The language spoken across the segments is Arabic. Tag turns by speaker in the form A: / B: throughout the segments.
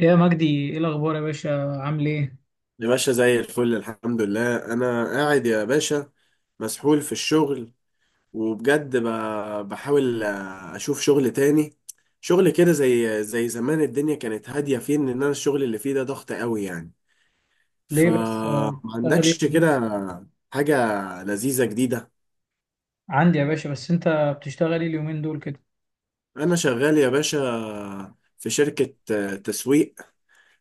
A: يا مجدي ايه الاخبار يا باشا عامل ايه؟
B: يا باشا زي الفل، الحمد لله. انا قاعد يا باشا، مسحول في الشغل. وبجد بحاول اشوف شغل تاني، شغل كده زي زمان. الدنيا كانت هادية، فيه ان انا الشغل اللي فيه ده ضغط قوي يعني،
A: ليه بس
B: فما
A: بتشتغل ايه؟
B: عندكش كده حاجة لذيذة جديدة؟
A: عندي يا باشا، بس انت بتشتغل ايه اليومين دول كده؟
B: انا شغال يا باشا في شركة تسويق.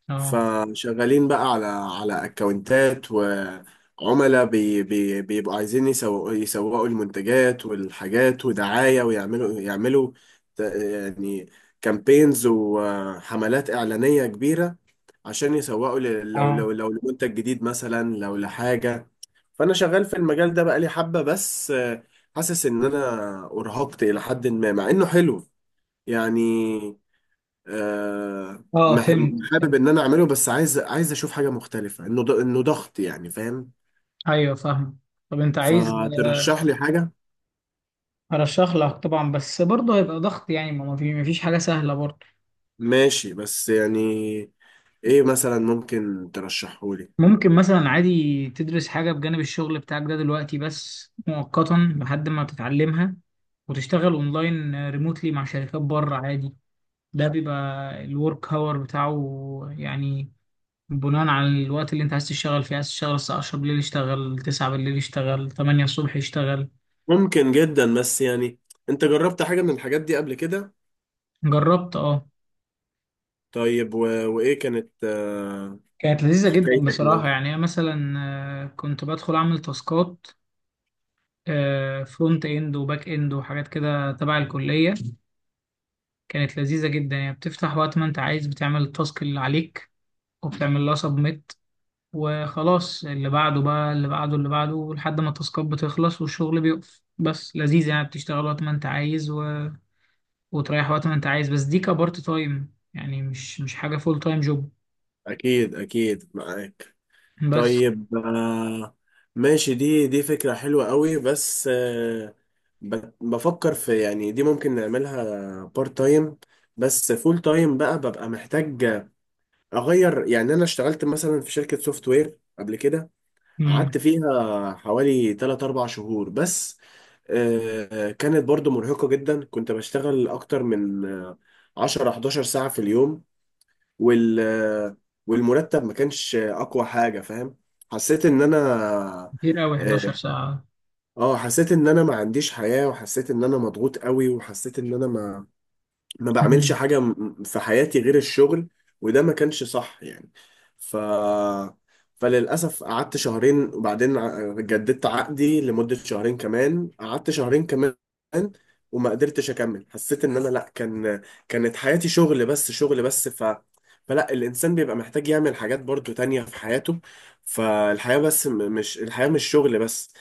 A: اه
B: فشغالين بقى على اكونتات وعملاء، بي بي بيبقوا عايزين يسوقوا المنتجات والحاجات ودعاية، ويعملوا، يعني كامبينز وحملات إعلانية كبيرة عشان يسوقوا ل- لو لو
A: اه
B: لو لمنتج جديد مثلا، لو لحاجة. فأنا شغال في المجال ده بقالي حبة، بس حاسس إن أنا أرهقت إلى حد ما مع إنه حلو يعني. آه،
A: اه
B: مح-
A: فهمت
B: حابب
A: فهمت.
B: ان انا اعمله، بس عايز اشوف حاجه مختلفه، انه ضغط يعني، فاهم؟
A: ايوه فاهم. طب انت عايز
B: فترشح لي حاجه.
A: ارشح لك؟ طبعا، بس برضه هيبقى ضغط يعني، ما فيش حاجه سهله برضه.
B: ماشي بس يعني، ايه مثلا ممكن ترشحه لي؟
A: ممكن مثلا عادي تدرس حاجه بجانب الشغل بتاعك ده دلوقتي، بس مؤقتا لحد ما تتعلمها، وتشتغل اونلاين ريموتلي مع شركات بره عادي. ده بيبقى الورك هاور بتاعه يعني، بناء على الوقت اللي انت عايز تشتغل فيه. عايز تشتغل الساعة 10 بالليل اشتغل، 9 بالليل اشتغل، 8 الصبح اشتغل.
B: ممكن جدا، بس يعني انت جربت حاجه من الحاجات دي قبل كده؟
A: جربت اه.
B: طيب، وايه كانت
A: كانت لذيذة جدا
B: حكايتك
A: بصراحة،
B: معاه؟
A: يعني انا مثلا كنت بدخل اعمل تاسكات، فرونت اند وباك اند وحاجات كده تبع الكلية. كانت لذيذة جدا، يعني بتفتح وقت ما انت عايز، بتعمل التاسك اللي عليك وبتعمل لها سبميت وخلاص، اللي بعده بقى، اللي بعده، اللي بعده، لحد ما التاسكات بتخلص والشغل بيقف. بس لذيذة يعني، بتشتغل وقت ما انت عايز وتريح وقت ما انت عايز. بس دي كبارت تايم يعني، مش حاجة فول تايم جوب.
B: اكيد اكيد معاك.
A: بس
B: طيب ماشي. دي فكرة حلوة قوي، بس بفكر في، يعني دي ممكن نعملها بارت تايم. بس فول تايم بقى ببقى محتاج أغير. يعني أنا اشتغلت مثلا في شركة سوفت وير قبل كده، قعدت
A: امم.
B: فيها حوالي 3 4 شهور بس. كانت برضو مرهقة جدا، كنت بشتغل أكتر من 10 11 ساعة في اليوم، وال والمرتب ما كانش اقوى حاجة فاهم. حسيت ان انا
A: كتير قوي
B: اه
A: 11 ساعة.
B: حسيت ان انا ما عنديش حياة، وحسيت ان انا مضغوط قوي، وحسيت ان انا ما بعملش
A: مم.
B: حاجة في حياتي غير الشغل. وده ما كانش صح يعني. ف فللأسف قعدت شهرين، وبعدين جددت عقدي لمدة شهرين كمان. قعدت شهرين كمان وما قدرتش أكمل. حسيت إن أنا لأ، كانت حياتي شغل بس، شغل بس. فلا، الإنسان بيبقى محتاج يعمل حاجات برضو تانية في حياته. مش الحياة مش شغل بس،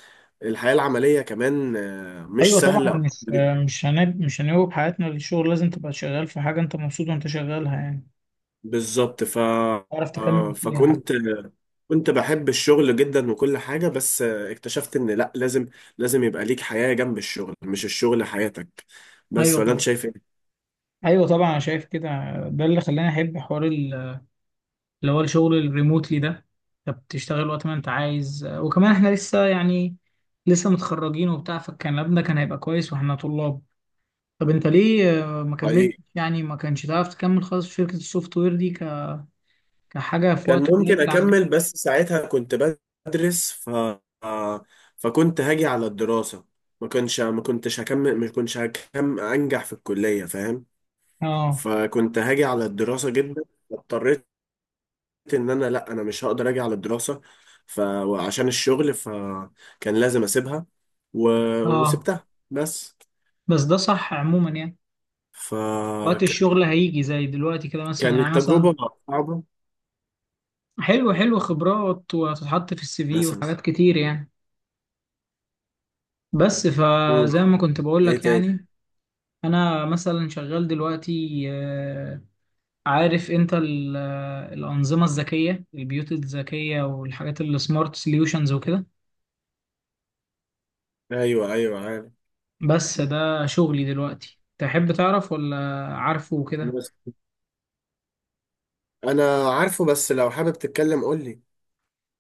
B: الحياة العملية كمان مش
A: ايوه طبعا،
B: سهلة.
A: مش هنوب حياتنا للشغل. لازم تبقى شغال في حاجة انت مبسوط وانت شغالها يعني،
B: بالظبط. ف
A: تعرف تكمل فيها
B: فكنت كنت بحب الشغل جدا وكل حاجة، بس اكتشفت ان لا، لازم يبقى ليك حياة جنب الشغل، مش الشغل حياتك. بس
A: ايوه
B: ولا انت
A: طبعا.
B: شايف ايه؟
A: ايوه طبعا انا شايف كده. ده اللي خلاني احب حوار اللي هو الشغل الريموتلي ده. انت بتشتغل وقت ما انت عايز، وكمان احنا لسه يعني، لسه متخرجين وبتاع، فالكلام ده كان هيبقى كويس واحنا طلاب. طب انت ليه ما كملت
B: حقيقي.
A: يعني؟ ما كانش تعرف تكمل خالص في شركة السوفت وير دي كحاجة في
B: كان
A: وقت
B: ممكن
A: قليل عندك؟
B: اكمل، بس ساعتها كنت بدرس. فكنت هاجي على الدراسة، ما كنتش هكمل انجح في الكلية فاهم.
A: اه
B: فكنت هاجي على الدراسة جدا، اضطريت ان انا مش هقدر اجي على الدراسه. ف وعشان الشغل فكان لازم اسيبها، و...
A: اه
B: وسبتها بس.
A: بس ده صح عموما يعني. وقت
B: فكانت
A: الشغل هيجي زي دلوقتي كده مثلا، يعني مثلا.
B: تجربه صعبه.
A: حلو حلو، خبرات وهتتحط في السي في
B: مثلا.
A: وحاجات كتير يعني. بس
B: امم
A: فزي ما كنت بقول
B: ايه
A: لك
B: تاني؟
A: يعني، انا مثلا شغال دلوقتي. عارف انت الأنظمة الذكية، البيوت الذكية والحاجات اللي سمارت سوليوشنز وكده؟
B: ايوه ايوه عارف.
A: بس ده شغلي دلوقتي، تحب تعرف ولا عارفه وكده؟
B: بس انا عارفه، بس لو حابب تتكلم قول لي،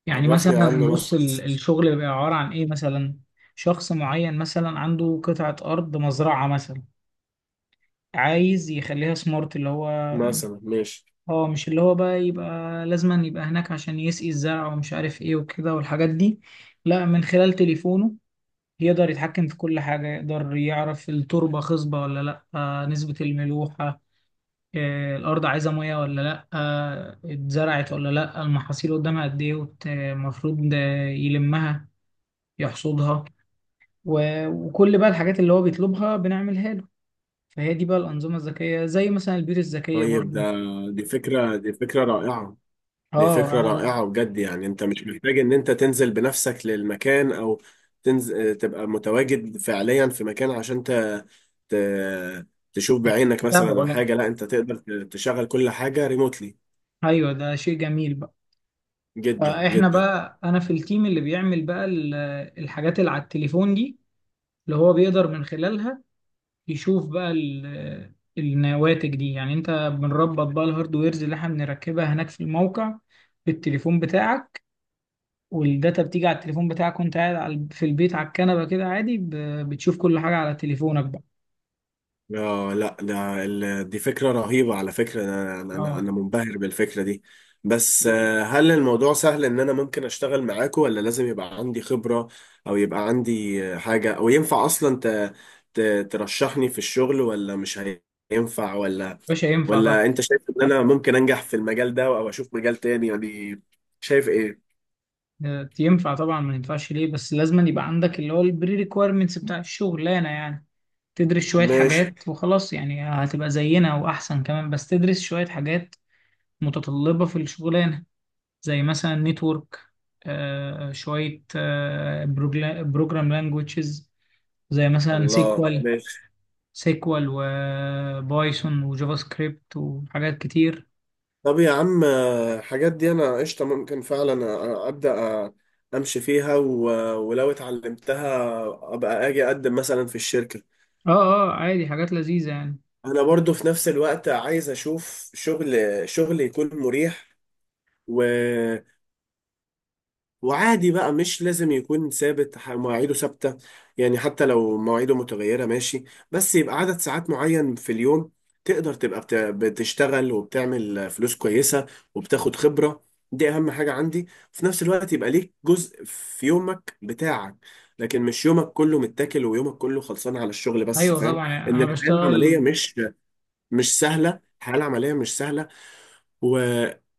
A: يعني
B: عرفني
A: مثلا
B: عنه
A: بص،
B: مثلا
A: الشغل بيبقى عبارة عن ايه مثلا. شخص معين مثلا عنده قطعة أرض، مزرعة مثلا، عايز يخليها سمارت. اللي هو
B: مثلا ماشي.
A: اه، مش اللي هو بقى يبقى لازما يبقى هناك عشان يسقي الزرع ومش عارف ايه وكده والحاجات دي. لا، من خلال تليفونه يقدر يتحكم في كل حاجة، يقدر يعرف التربة خصبة ولا لا، نسبة الملوحة، الأرض عايزة مية ولا لأ، اتزرعت ولا لأ، المحاصيل قدامها قد إيه المفروض يلمها، يحصدها، وكل بقى الحاجات اللي هو بيطلبها بنعملها له. فهي دي بقى الأنظمة الذكية، زي مثلا البيوت الذكية
B: طيب
A: برضو.
B: دي فكره رائعه. دي
A: اه
B: فكرة
A: أنا بقى
B: رائعة بجد يعني، انت مش محتاج ان انت تنزل بنفسك للمكان، او تنزل تبقى متواجد فعليا في مكان عشان ت... تشوف بعينك مثلا
A: بتابعه.
B: او
A: لا
B: حاجة. لا انت تقدر تشغل كل حاجة ريموتلي.
A: أيوه، ده شيء جميل بقى.
B: جدا
A: فإحنا
B: جدا.
A: بقى أنا في التيم اللي بيعمل بقى الحاجات اللي على التليفون دي، اللي هو بيقدر من خلالها يشوف بقى النواتج دي. يعني انت بنربط بقى الهاردويرز اللي احنا بنركبها هناك في الموقع بالتليفون بتاعك، والداتا بتيجي على التليفون بتاعك وانت قاعد في البيت على الكنبة كده عادي، بتشوف كل حاجة على تليفونك بقى.
B: اه لا، دي فكرة رهيبة على فكرة، انا انا
A: اه
B: انا منبهر بالفكرة دي. بس هل الموضوع سهل ان انا ممكن اشتغل معاكم، ولا لازم يبقى عندي خبرة، او يبقى عندي حاجة، او ينفع اصلا ترشحني في الشغل، ولا مش هينفع؟ ولا
A: باشا ينفع طبعا.
B: ولا انت شايف ان انا ممكن انجح في المجال ده، او اشوف مجال تاني يعني؟ شايف ايه؟
A: ينفع طبعا، ما ينفعش ليه؟ بس لازم يبقى عندك اللي هو البري ريكويرمنتس بتاع الشغلانه يعني، تدرس شويه
B: ماشي.
A: حاجات وخلاص يعني. هتبقى زينا واحسن كمان، بس تدرس شويه حاجات متطلبه في الشغلانه، زي مثلا نتورك، شوية بروجرام لانجويجز، زي مثلا
B: الله
A: سيكوال.
B: ماشي.
A: سيكوال وبايثون وجافا سكريبت وحاجات كتير.
B: طب يا عم الحاجات دي انا قشطه، ممكن فعلا ابدا امشي فيها. ولو اتعلمتها ابقى اجي اقدم مثلا في الشركه.
A: اه عادي، حاجات لذيذة يعني.
B: انا برضو في نفس الوقت عايز اشوف شغل، شغل يكون مريح وعادي بقى. مش لازم يكون ثابت، مواعيده ثابتة، يعني حتى لو مواعيده متغيرة ماشي، بس يبقى عدد ساعات معين في اليوم. تقدر تبقى بتشتغل وبتعمل فلوس كويسة، وبتاخد خبرة، دي أهم حاجة عندي. في نفس الوقت يبقى ليك جزء في يومك بتاعك، لكن مش يومك كله متاكل ويومك كله خلصان على الشغل بس،
A: ايوه
B: فاهم؟
A: طبعا يعني
B: إن
A: انا
B: الحياة العملية
A: بشتغل.
B: مش سهلة، الحياة العملية مش سهلة. و...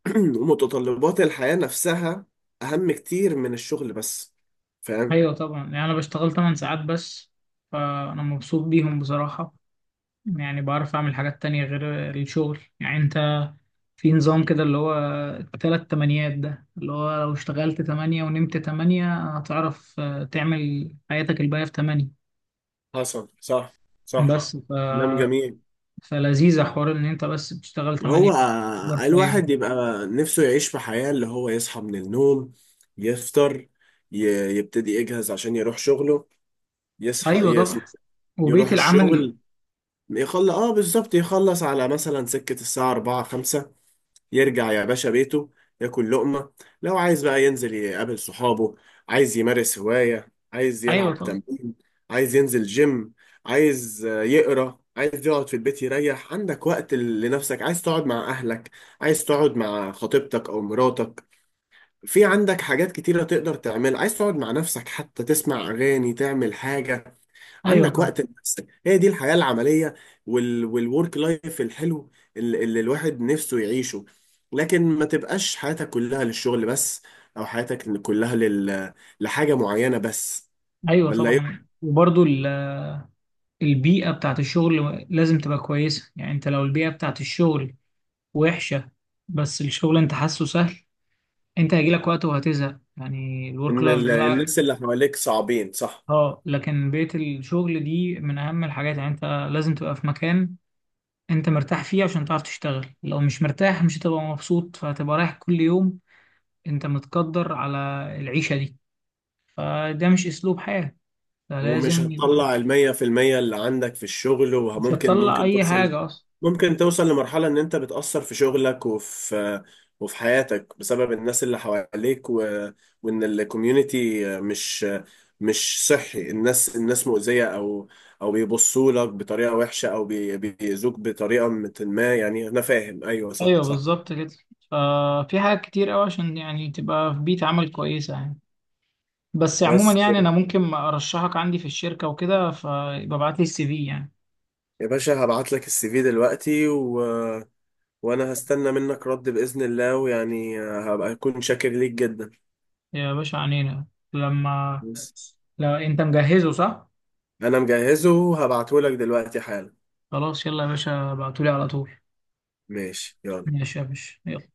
B: ومتطلبات الحياة نفسها أهم كتير من الشغل بس، فاهم؟
A: ايوه طبعا، يعني انا بشتغل 8 ساعات بس، فانا مبسوط بيهم بصراحة. يعني بعرف اعمل حاجات تانية غير الشغل. يعني انت في نظام كده اللي هو التلات تمانيات ده، اللي هو لو اشتغلت تمانية ونمت تمانية هتعرف تعمل حياتك الباقية في تمانية.
B: حصل. صح. صح.
A: بس ف...
B: كلام جميل.
A: فلذيذة حوار إن أنت بس بتشتغل تمانية،
B: هو
A: أوفر
B: الواحد
A: تايم.
B: يبقى نفسه يعيش في حياة، اللي هو يصحى من النوم، يفطر، ي... يبتدي يجهز عشان يروح شغله. يصحى
A: أيوة
B: يس...
A: طبعا.
B: يروح
A: وبيت العمل.
B: الشغل، يخلص، اه بالظبط، يخلص على مثلا سكة الساعة 4 5، يرجع يا باشا بيته، ياكل لقمة. لو عايز بقى ينزل يقابل صحابه، عايز يمارس هواية، عايز
A: أيوة
B: يلعب
A: طبعا.
B: تمرين، عايز ينزل جيم، عايز يقرأ، عايز يقعد في البيت يريح. عندك وقت لنفسك، عايز تقعد مع أهلك، عايز تقعد مع خطيبتك أو مراتك. في عندك حاجات كتيرة تقدر تعملها، عايز تقعد مع نفسك حتى، تسمع أغاني، تعمل حاجة،
A: أيوة
B: عندك
A: طبعا.
B: وقت لنفسك. هي دي الحياة العملية والورك لايف الحلو، اللي الواحد نفسه يعيشه. لكن ما تبقاش حياتك كلها للشغل بس، او حياتك كلها لحاجة معينة بس،
A: أيوة
B: ولا ايه؟
A: طبعا البيئة بتاعت الشغل لازم تبقى كويسة. يعني انت لو البيئة بتاعت الشغل وحشة بس الشغل انت حاسه سهل، انت هيجيلك وقت وهتزهق يعني الورك
B: ان
A: لايف بتاعك.
B: الناس اللي حواليك صعبين، صح.
A: اه، لكن بيئة الشغل دي من أهم الحاجات. يعني أنت لازم تبقى في مكان أنت مرتاح فيه عشان تعرف تشتغل. لو مش مرتاح مش هتبقى مبسوط، فهتبقى رايح كل يوم أنت متقدر على العيشة دي. فده مش أسلوب حياة.
B: ومش
A: فلازم يبقى
B: هتطلع المية في المية اللي عندك في الشغل،
A: مش
B: وممكن
A: هتطلع
B: ممكن
A: أي حاجة أصلا.
B: توصل لمرحلة ان انت بتأثر في شغلك، وفي حياتك بسبب الناس اللي حواليك. وان الكوميونتي مش صحي. الناس مؤذية، او بيبصوا لك بطريقة وحشة، او بيأذوك بطريقة ما يعني، انا فاهم، ايوه صح
A: أيوه
B: صح.
A: بالظبط كده. ففي حاجات كتير أوي عشان يعني تبقى في بيئة عمل كويسة يعني. بس عموما
B: بس
A: يعني، أنا ممكن أرشحك عندي في الشركة وكده، فيبقى ابعت لي السي في يعني.
B: يا باشا هبعت لك السي في دلوقتي، وانا هستنى منك رد باذن الله، ويعني هبقى اكون شاكر ليك جدا.
A: يا باشا عنينا. لما،
B: بس
A: لا انت مجهزه صح؟
B: انا مجهزه، وهبعته لك دلوقتي حالا.
A: خلاص يلا يا باشا، ابعتولي على طول.
B: ماشي يلا.
A: ماشي يا باشا يلا.